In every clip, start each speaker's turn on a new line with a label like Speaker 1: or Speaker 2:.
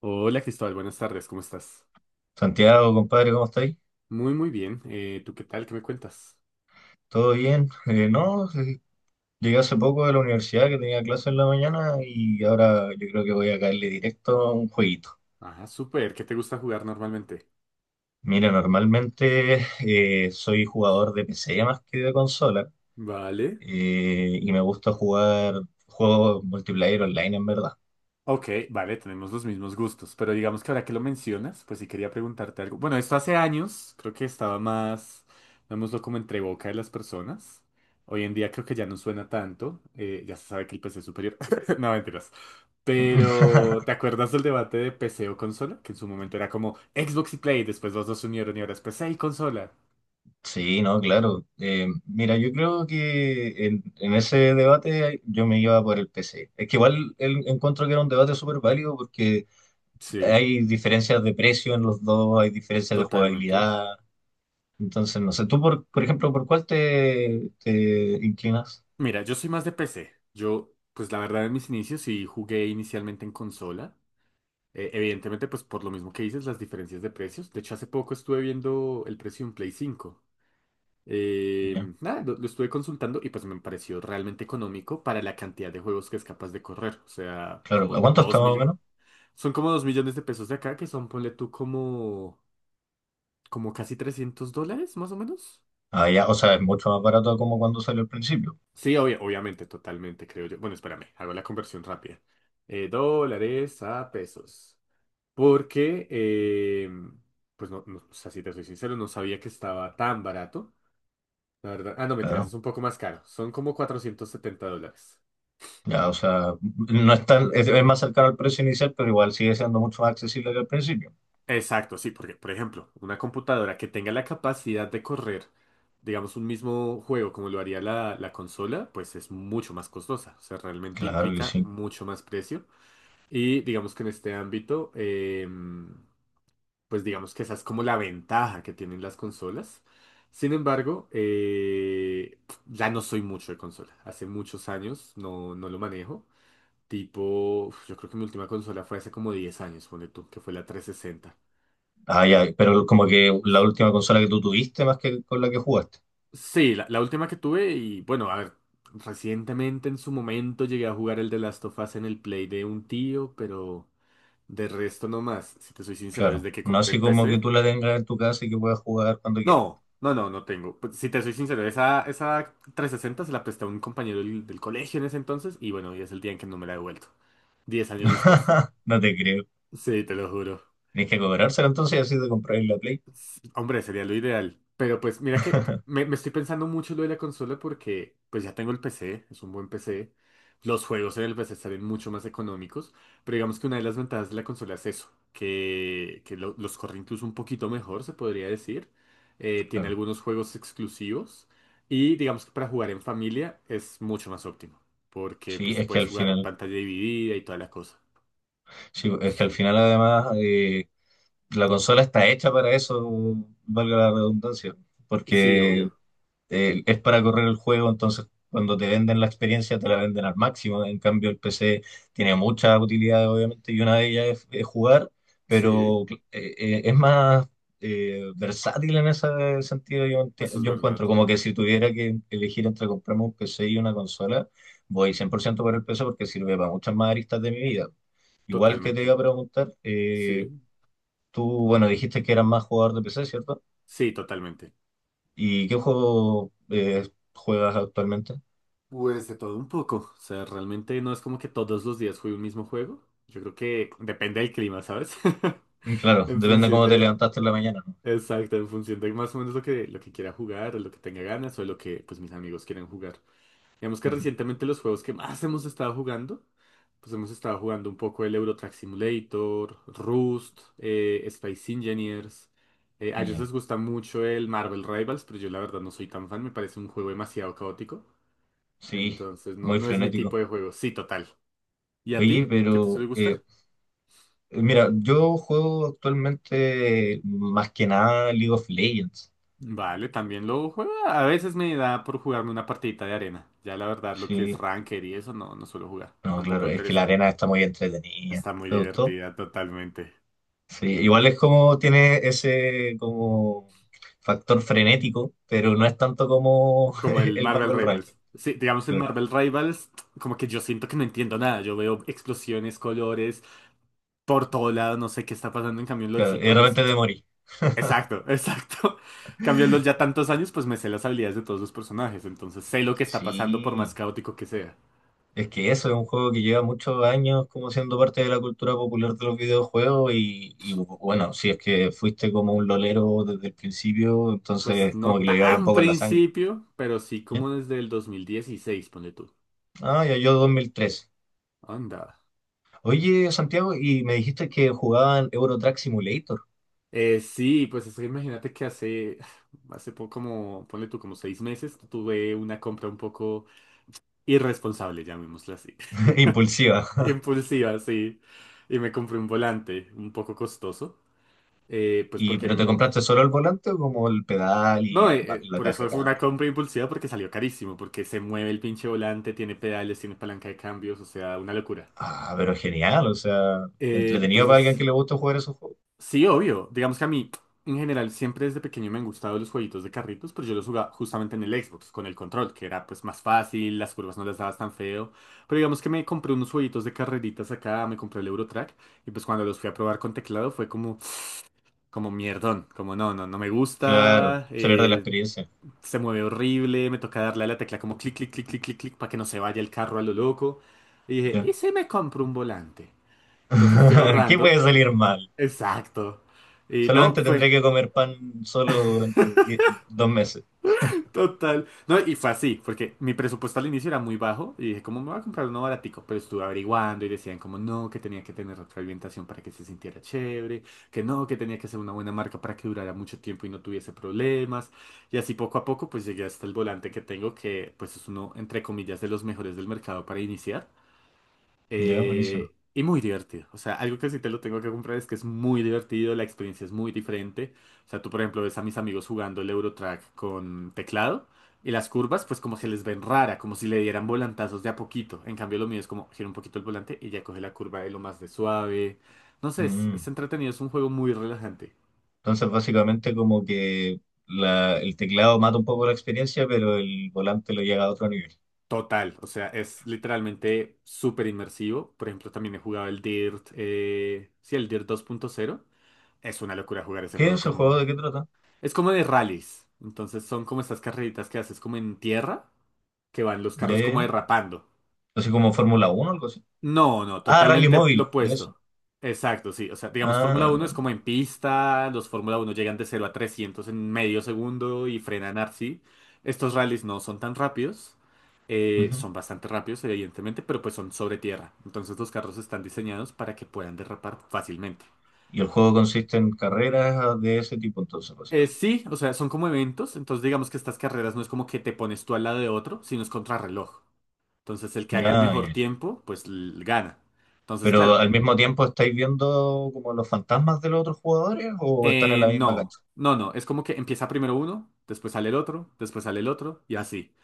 Speaker 1: Hola Cristóbal, buenas tardes, ¿cómo estás?
Speaker 2: Santiago, compadre, ¿cómo estáis?
Speaker 1: Muy, muy bien. ¿Tú qué tal? ¿Qué me cuentas?
Speaker 2: ¿Todo bien? No, llegué hace poco de la universidad que tenía clase en la mañana y ahora yo creo que voy a caerle directo a un jueguito.
Speaker 1: Ah, súper. ¿Qué te gusta jugar normalmente?
Speaker 2: Mira, normalmente soy jugador de PC más que de consola
Speaker 1: Vale.
Speaker 2: y me gusta jugar juegos multiplayer online en verdad.
Speaker 1: Ok, vale, tenemos los mismos gustos, pero digamos que ahora que lo mencionas, pues sí quería preguntarte algo. Bueno, esto hace años, creo que estaba más, lo como entre boca de las personas. Hoy en día creo que ya no suena tanto, ya se sabe que el PC es superior. No, mentiras. Pero, ¿te acuerdas del debate de PC o consola? Que en su momento era como Xbox y Play, después los dos se unieron y ahora es PC y consola.
Speaker 2: Sí, no, claro. Mira, yo creo que en ese debate yo me iba por el PC. Es que igual encuentro que era un debate súper válido porque
Speaker 1: Sí,
Speaker 2: hay diferencias de precio en los dos, hay diferencias de
Speaker 1: totalmente.
Speaker 2: jugabilidad. Entonces, no sé, tú, por ejemplo, ¿por cuál te inclinas?
Speaker 1: Mira, yo soy más de PC. Yo, pues la verdad, en mis inicios sí jugué inicialmente en consola. Evidentemente, pues por lo mismo que dices, las diferencias de precios. De hecho, hace poco estuve viendo el precio de un Play 5.
Speaker 2: Ya,
Speaker 1: Nada, lo estuve consultando y pues me pareció realmente económico para la cantidad de juegos que es capaz de correr. O sea,
Speaker 2: claro, ¿a
Speaker 1: como
Speaker 2: cuánto está
Speaker 1: 2
Speaker 2: más o
Speaker 1: millones.
Speaker 2: menos?
Speaker 1: Son como 2 millones de pesos de acá, que son, ponle tú, como casi 300 dólares, más o menos.
Speaker 2: Ah, ya, o sea, es mucho más barato como cuando salió al principio.
Speaker 1: Sí, obviamente, totalmente, creo yo. Bueno, espérame, hago la conversión rápida. Dólares a pesos. Porque, pues no, no, o sea, si te soy sincero, no sabía que estaba tan barato. La verdad, ah, no, mentiras,
Speaker 2: Claro,
Speaker 1: es un poco más caro. Son como 470 dólares.
Speaker 2: ya, o sea, no es tan- es más cercano al precio inicial, pero igual sigue siendo mucho más accesible que al principio.
Speaker 1: Exacto, sí, porque, por ejemplo, una computadora que tenga la capacidad de correr, digamos, un mismo juego como lo haría la consola, pues es mucho más costosa. O sea, realmente
Speaker 2: Claro que
Speaker 1: implica
Speaker 2: sí.
Speaker 1: mucho más precio. Y digamos que en este ámbito, pues digamos que esa es como la ventaja que tienen las consolas. Sin embargo, ya no soy mucho de consola. Hace muchos años no, no lo manejo. Tipo, uf, yo creo que mi última consola fue hace como 10 años, ponle tú, que fue la 360.
Speaker 2: Ah, ya, pero como que la última consola que tú tuviste más que con la que jugaste.
Speaker 1: Sí, la última que tuve y bueno, a ver, recientemente en su momento llegué a jugar el de Last of Us en el Play de un tío, pero de resto no más. Si te soy sincero,
Speaker 2: Claro,
Speaker 1: desde que
Speaker 2: no
Speaker 1: compré
Speaker 2: así
Speaker 1: el
Speaker 2: como que
Speaker 1: PC.
Speaker 2: tú la tengas en tu casa y que puedas jugar cuando quieras.
Speaker 1: No, no, no, no tengo. Pues, si te soy sincero, esa 360 se la presté a un compañero del colegio en ese entonces y bueno, y es el día en que no me la he devuelto. 10 años después.
Speaker 2: No te creo.
Speaker 1: Sí, te lo juro.
Speaker 2: Tenéis que cobrárselo entonces y así te compráis la Play.
Speaker 1: Hombre, sería lo ideal. Pero pues mira que me estoy pensando mucho lo de la consola porque pues ya tengo el PC, es un buen PC. Los juegos en el PC salen mucho más económicos, pero digamos que una de las ventajas de la consola es eso, que los corre incluso un poquito mejor, se podría decir. Tiene
Speaker 2: Claro.
Speaker 1: algunos juegos exclusivos y digamos que para jugar en familia es mucho más óptimo, porque
Speaker 2: Sí,
Speaker 1: pues
Speaker 2: es que
Speaker 1: puedes
Speaker 2: al
Speaker 1: jugar
Speaker 2: final,
Speaker 1: pantalla dividida y toda la cosa.
Speaker 2: sí, es que al final además la consola está hecha para eso, valga la redundancia,
Speaker 1: Sí,
Speaker 2: porque
Speaker 1: obvio.
Speaker 2: es para correr el juego, entonces cuando te venden la experiencia te la venden al máximo. En cambio, el PC tiene muchas utilidades, obviamente, y una de ellas es jugar,
Speaker 1: Sí,
Speaker 2: pero es más versátil en ese sentido, yo,
Speaker 1: eso es
Speaker 2: yo
Speaker 1: verdad.
Speaker 2: encuentro. Como que si tuviera que elegir entre comprarme un PC y una consola, voy 100% por ciento por el PC porque sirve para muchas más aristas de mi vida. Igual que te
Speaker 1: Totalmente.
Speaker 2: iba a preguntar,
Speaker 1: Sí.
Speaker 2: tú, bueno, dijiste que eras más jugador de PC, ¿cierto?
Speaker 1: Sí, totalmente.
Speaker 2: ¿Y qué juego juegas actualmente?
Speaker 1: Pues de todo un poco. O sea, realmente no es como que todos los días juegue un mismo juego. Yo creo que depende del clima, ¿sabes?
Speaker 2: Claro,
Speaker 1: En
Speaker 2: depende
Speaker 1: función
Speaker 2: cómo te
Speaker 1: de.
Speaker 2: levantaste en la mañana, ¿no?
Speaker 1: Exacto, en función de más o menos lo que quiera jugar, o lo que tenga ganas, o lo que pues mis amigos quieran jugar. Digamos que
Speaker 2: Ujú.
Speaker 1: recientemente los juegos que más hemos estado jugando, pues hemos estado jugando un poco el Euro Truck Simulator, Rust, Space Engineers. A ellos
Speaker 2: Ya,
Speaker 1: les gusta mucho el Marvel Rivals, pero yo la verdad no soy tan fan, me parece un juego demasiado caótico.
Speaker 2: sí,
Speaker 1: Entonces, no,
Speaker 2: muy
Speaker 1: no es mi tipo
Speaker 2: frenético.
Speaker 1: de juego. Sí, total. ¿Y a
Speaker 2: Oye,
Speaker 1: ti? ¿Qué te
Speaker 2: pero
Speaker 1: suele gustar?
Speaker 2: mira, yo juego actualmente más que nada League of Legends.
Speaker 1: Vale, también lo juego. A veces me da por jugarme una partidita de arena. Ya la verdad, lo que es
Speaker 2: Sí,
Speaker 1: Ranker y eso, no, no suelo jugar. Me da
Speaker 2: no,
Speaker 1: un poco
Speaker 2: claro,
Speaker 1: de
Speaker 2: es que la
Speaker 1: pereza.
Speaker 2: arena está muy entretenida.
Speaker 1: Está muy
Speaker 2: ¿Te gustó?
Speaker 1: divertida, totalmente.
Speaker 2: Sí, igual es como tiene ese como factor frenético, pero no es tanto como
Speaker 1: Como el
Speaker 2: el
Speaker 1: Marvel
Speaker 2: Marvel Rivals.
Speaker 1: Rivals. Sí, digamos en
Speaker 2: Claro,
Speaker 1: Marvel Rivals, como que yo siento que no entiendo nada. Yo veo explosiones, colores, por todo lado, no sé qué está pasando. En cambio, en
Speaker 2: claro, y de
Speaker 1: LOLcito, pues
Speaker 2: repente te morí.
Speaker 1: exacto, exacto. Cambio los ya tantos años, pues me sé las habilidades de todos los personajes, entonces sé lo que está pasando por más
Speaker 2: Sí,
Speaker 1: caótico que sea.
Speaker 2: es que eso es un juego que lleva muchos años como siendo parte de la cultura popular de los videojuegos bueno, si es que fuiste como un lolero desde el principio,
Speaker 1: Pues
Speaker 2: entonces como
Speaker 1: no
Speaker 2: que lo llevabas un
Speaker 1: tan
Speaker 2: poco en la sangre.
Speaker 1: principio, pero sí
Speaker 2: ¿Ya?
Speaker 1: como desde el 2016, ponle tú.
Speaker 2: Ah, ya yo 2003.
Speaker 1: Anda.
Speaker 2: Oye, Santiago, y me dijiste que jugaban Euro Truck Simulator,
Speaker 1: Sí, pues es que imagínate que hace, hace poco, como, ponle tú, como 6 meses, tuve una compra un poco irresponsable, llamémosla así.
Speaker 2: impulsiva.
Speaker 1: Impulsiva, sí. Y me compré un volante un poco costoso, pues
Speaker 2: Y,
Speaker 1: porque
Speaker 2: ¿pero te compraste solo el volante o como el pedal y
Speaker 1: No,
Speaker 2: el
Speaker 1: eh, eh,
Speaker 2: la
Speaker 1: por
Speaker 2: caja
Speaker 1: eso
Speaker 2: de
Speaker 1: fue una
Speaker 2: cambio?
Speaker 1: compra impulsiva porque salió carísimo, porque se mueve el pinche volante, tiene pedales, tiene palanca de cambios, o sea, una locura.
Speaker 2: Ah, pero genial, o sea, entretenido para alguien
Speaker 1: Entonces,
Speaker 2: que le gusta jugar esos juegos.
Speaker 1: sí, obvio, digamos que a mí, en general, siempre desde pequeño me han gustado los jueguitos de carritos, pero yo los jugaba justamente en el Xbox, con el control, que era pues más fácil, las curvas no las dabas tan feo, pero digamos que me compré unos jueguitos de carreritas acá, me compré el Eurotrack, y pues cuando los fui a probar con teclado fue como mierdón, como no, no, no me
Speaker 2: Claro,
Speaker 1: gusta,
Speaker 2: se pierde la
Speaker 1: eh,
Speaker 2: experiencia.
Speaker 1: Se mueve horrible, me toca darle a la tecla como clic, clic, clic, clic, clic, clic, para que no se vaya el carro a lo loco. Y dije, ¿y si me compro un volante? Entonces fui
Speaker 2: ¿Qué puede
Speaker 1: ahorrando.
Speaker 2: salir mal?
Speaker 1: Exacto. Y no,
Speaker 2: Solamente
Speaker 1: fue.
Speaker 2: tendré que comer pan solo durante dos meses.
Speaker 1: Total. No, y fue así, porque mi presupuesto al inicio era muy bajo y dije, ¿cómo me voy a comprar uno baratico? Pero estuve averiguando y decían como no, que tenía que tener retroalimentación para que se sintiera chévere, que no, que tenía que ser una buena marca para que durara mucho tiempo y no tuviese problemas. Y así poco a poco pues llegué hasta el volante que tengo, que pues es uno, entre comillas, de los mejores del mercado para iniciar.
Speaker 2: Ya, buenísimo.
Speaker 1: Y muy divertido. O sea, algo que sí te lo tengo que comprar es que es muy divertido, la experiencia es muy diferente. O sea, tú, por ejemplo, ves a mis amigos jugando el Eurotrack con teclado y las curvas, pues como se les ven rara, como si le dieran volantazos de a poquito. En cambio, lo mío es como gira un poquito el volante y ya coge la curva de lo más de suave. No sé, es
Speaker 2: Mm.
Speaker 1: entretenido, es un juego muy relajante.
Speaker 2: Entonces, básicamente, como que el teclado mata un poco la experiencia, pero el volante lo llega a otro nivel.
Speaker 1: Total, o sea, es literalmente súper inmersivo. Por ejemplo, también he jugado el Dirt, sí, el Dirt 2.0. Es una locura jugar ese
Speaker 2: ¿Qué es
Speaker 1: juego
Speaker 2: ese juego?
Speaker 1: con.
Speaker 2: ¿De qué trata?
Speaker 1: Es como de rallies. Entonces son como estas carreritas que haces como en tierra, que van los
Speaker 2: Ya,
Speaker 1: carros
Speaker 2: ya,
Speaker 1: como
Speaker 2: ya.
Speaker 1: derrapando.
Speaker 2: Así como Fórmula Uno, o algo así.
Speaker 1: No, no,
Speaker 2: Ah, Rally
Speaker 1: totalmente lo
Speaker 2: Móvil, de eso.
Speaker 1: opuesto. Exacto, sí. O sea, digamos, Fórmula 1 es
Speaker 2: Ah,
Speaker 1: como en pista, los Fórmula 1 llegan de 0 a 300 en medio segundo y frenan así. Estos rallies no son tan rápidos,
Speaker 2: ujú.
Speaker 1: son bastante rápidos, evidentemente, pero pues son sobre tierra. Entonces los carros están diseñados para que puedan derrapar fácilmente.
Speaker 2: Y el juego consiste en carreras de ese tipo, entonces, básicamente.
Speaker 1: Sí, o sea, son como eventos, entonces digamos que estas carreras no es como que te pones tú al lado de otro, sino es contrarreloj. Entonces el que haga el
Speaker 2: Ya,
Speaker 1: mejor
Speaker 2: ya.
Speaker 1: tiempo, pues gana. Entonces,
Speaker 2: Pero
Speaker 1: claro,
Speaker 2: al mismo tiempo estáis viendo como los fantasmas de los otros jugadores o están en la misma
Speaker 1: No,
Speaker 2: cancha.
Speaker 1: no, no. Es como que empieza primero uno, después sale el otro, después sale el otro y así.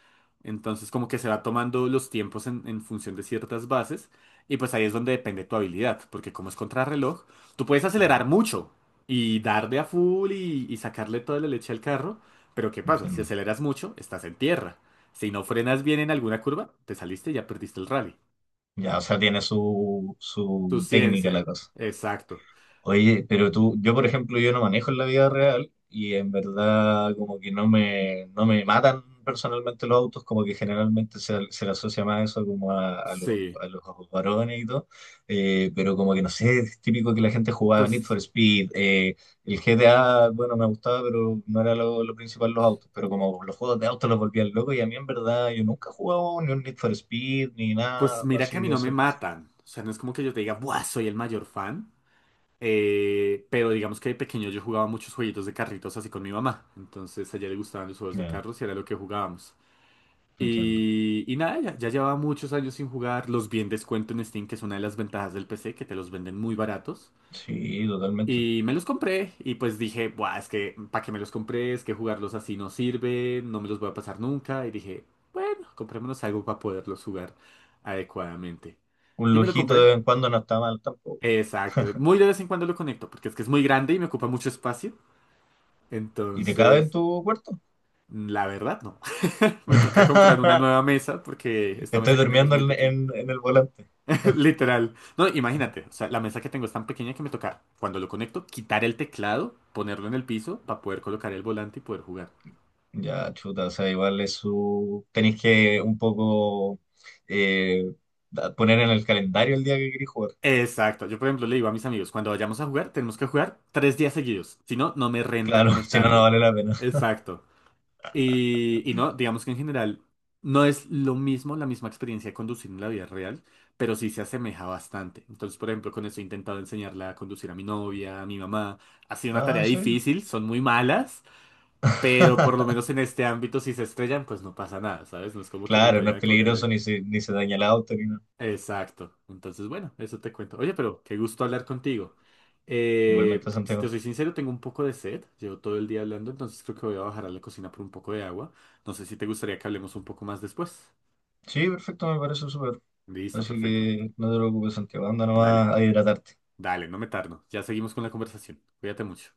Speaker 1: Entonces como que se va tomando los tiempos en función de ciertas bases y pues ahí es donde depende tu habilidad, porque como es contrarreloj, tú puedes acelerar
Speaker 2: Mm,
Speaker 1: mucho y darle a full y sacarle toda la leche al carro, pero ¿qué pasa? Si
Speaker 2: entiendo.
Speaker 1: aceleras mucho, estás en tierra. Si no frenas bien en alguna curva, te saliste y ya perdiste el rally.
Speaker 2: Ya, o sea, tiene
Speaker 1: Tu
Speaker 2: su técnica la
Speaker 1: ciencia.
Speaker 2: cosa.
Speaker 1: Exacto.
Speaker 2: Oye, pero tú, yo por ejemplo, yo no manejo en la vida real y en verdad como que no me matan personalmente los autos, como que generalmente se le asocia más eso como a,
Speaker 1: Sí,
Speaker 2: a los varones y todo, pero como que no sé, es típico que la gente jugaba Need for
Speaker 1: pues
Speaker 2: Speed, el GTA, bueno, me gustaba, pero no era lo principal los autos, pero como los juegos de autos los volvían locos y a mí en verdad yo nunca he jugado ni un Need for Speed ni
Speaker 1: Pues
Speaker 2: nada
Speaker 1: mira que
Speaker 2: así
Speaker 1: a mí
Speaker 2: de
Speaker 1: no
Speaker 2: ese
Speaker 1: me
Speaker 2: estilo.
Speaker 1: matan. O sea, no es como que yo te diga, ¡buah! Soy el mayor fan. Pero digamos que de pequeño yo jugaba muchos jueguitos de carritos así con mi mamá. Entonces a ella le gustaban los juegos de
Speaker 2: Ya,
Speaker 1: carros y era lo que jugábamos.
Speaker 2: entiendo.
Speaker 1: Y nada, ya, ya llevaba muchos años sin jugar. Los vi en descuento en Steam, que es una de las ventajas del PC, que te los venden muy baratos.
Speaker 2: Sí, totalmente.
Speaker 1: Y me los compré y pues dije, buah, es que para qué me los compré, es que jugarlos así no sirve, no me los voy a pasar nunca. Y dije, bueno, comprémonos algo para poderlos jugar adecuadamente.
Speaker 2: Un
Speaker 1: Y me lo
Speaker 2: lujito de
Speaker 1: compré.
Speaker 2: vez en cuando no está mal tampoco.
Speaker 1: Exacto. Muy de vez en cuando lo conecto, porque es que es muy grande y me ocupa mucho espacio.
Speaker 2: ¿Y te cabe en
Speaker 1: Entonces,
Speaker 2: tu cuarto?
Speaker 1: la verdad, no. Me toca comprar una nueva mesa, porque esta
Speaker 2: Estoy
Speaker 1: mesa que tengo es
Speaker 2: durmiendo
Speaker 1: muy
Speaker 2: en,
Speaker 1: pequeña.
Speaker 2: en el volante.
Speaker 1: Literal. No, imagínate, o sea, la mesa que tengo es tan pequeña que me toca, cuando lo conecto, quitar el teclado, ponerlo en el piso para poder colocar el volante y poder jugar.
Speaker 2: Ya, chuta, o sea, igual es su... Tenéis que un poco eh, poner en el calendario el día que queréis jugar.
Speaker 1: Exacto. Yo, por ejemplo, le digo a mis amigos, cuando vayamos a jugar, tenemos que jugar 3 días seguidos. Si no, no me renta
Speaker 2: Claro, si no, no
Speaker 1: conectarlo.
Speaker 2: vale la pena.
Speaker 1: Exacto. Y no, digamos que en general no es lo mismo, la misma experiencia de conducir en la vida real, pero sí se asemeja bastante. Entonces, por ejemplo, con eso he intentado enseñarla a conducir a mi novia, a mi mamá. Ha sido una
Speaker 2: No,
Speaker 1: tarea
Speaker 2: en serio.
Speaker 1: difícil, son muy malas. Pero por lo menos en este ámbito, si se estrellan, pues no pasa nada, ¿sabes? No es como que nos
Speaker 2: Claro, no
Speaker 1: vayan
Speaker 2: es
Speaker 1: a cobrar
Speaker 2: peligroso
Speaker 1: algo.
Speaker 2: ni se daña el auto ni nada.
Speaker 1: Exacto. Entonces, bueno, eso te cuento. Oye, pero qué gusto hablar contigo.
Speaker 2: Igualmente,
Speaker 1: Si te
Speaker 2: Santiago.
Speaker 1: soy sincero, tengo un poco de sed. Llevo todo el día hablando, entonces creo que voy a bajar a la cocina por un poco de agua. No sé si te gustaría que hablemos un poco más después.
Speaker 2: Sí, perfecto, me parece súper.
Speaker 1: Listo,
Speaker 2: Así
Speaker 1: perfecto.
Speaker 2: que no te preocupes, Santiago. Anda
Speaker 1: Dale,
Speaker 2: nomás a hidratarte.
Speaker 1: dale, no me tardo. Ya seguimos con la conversación. Cuídate mucho.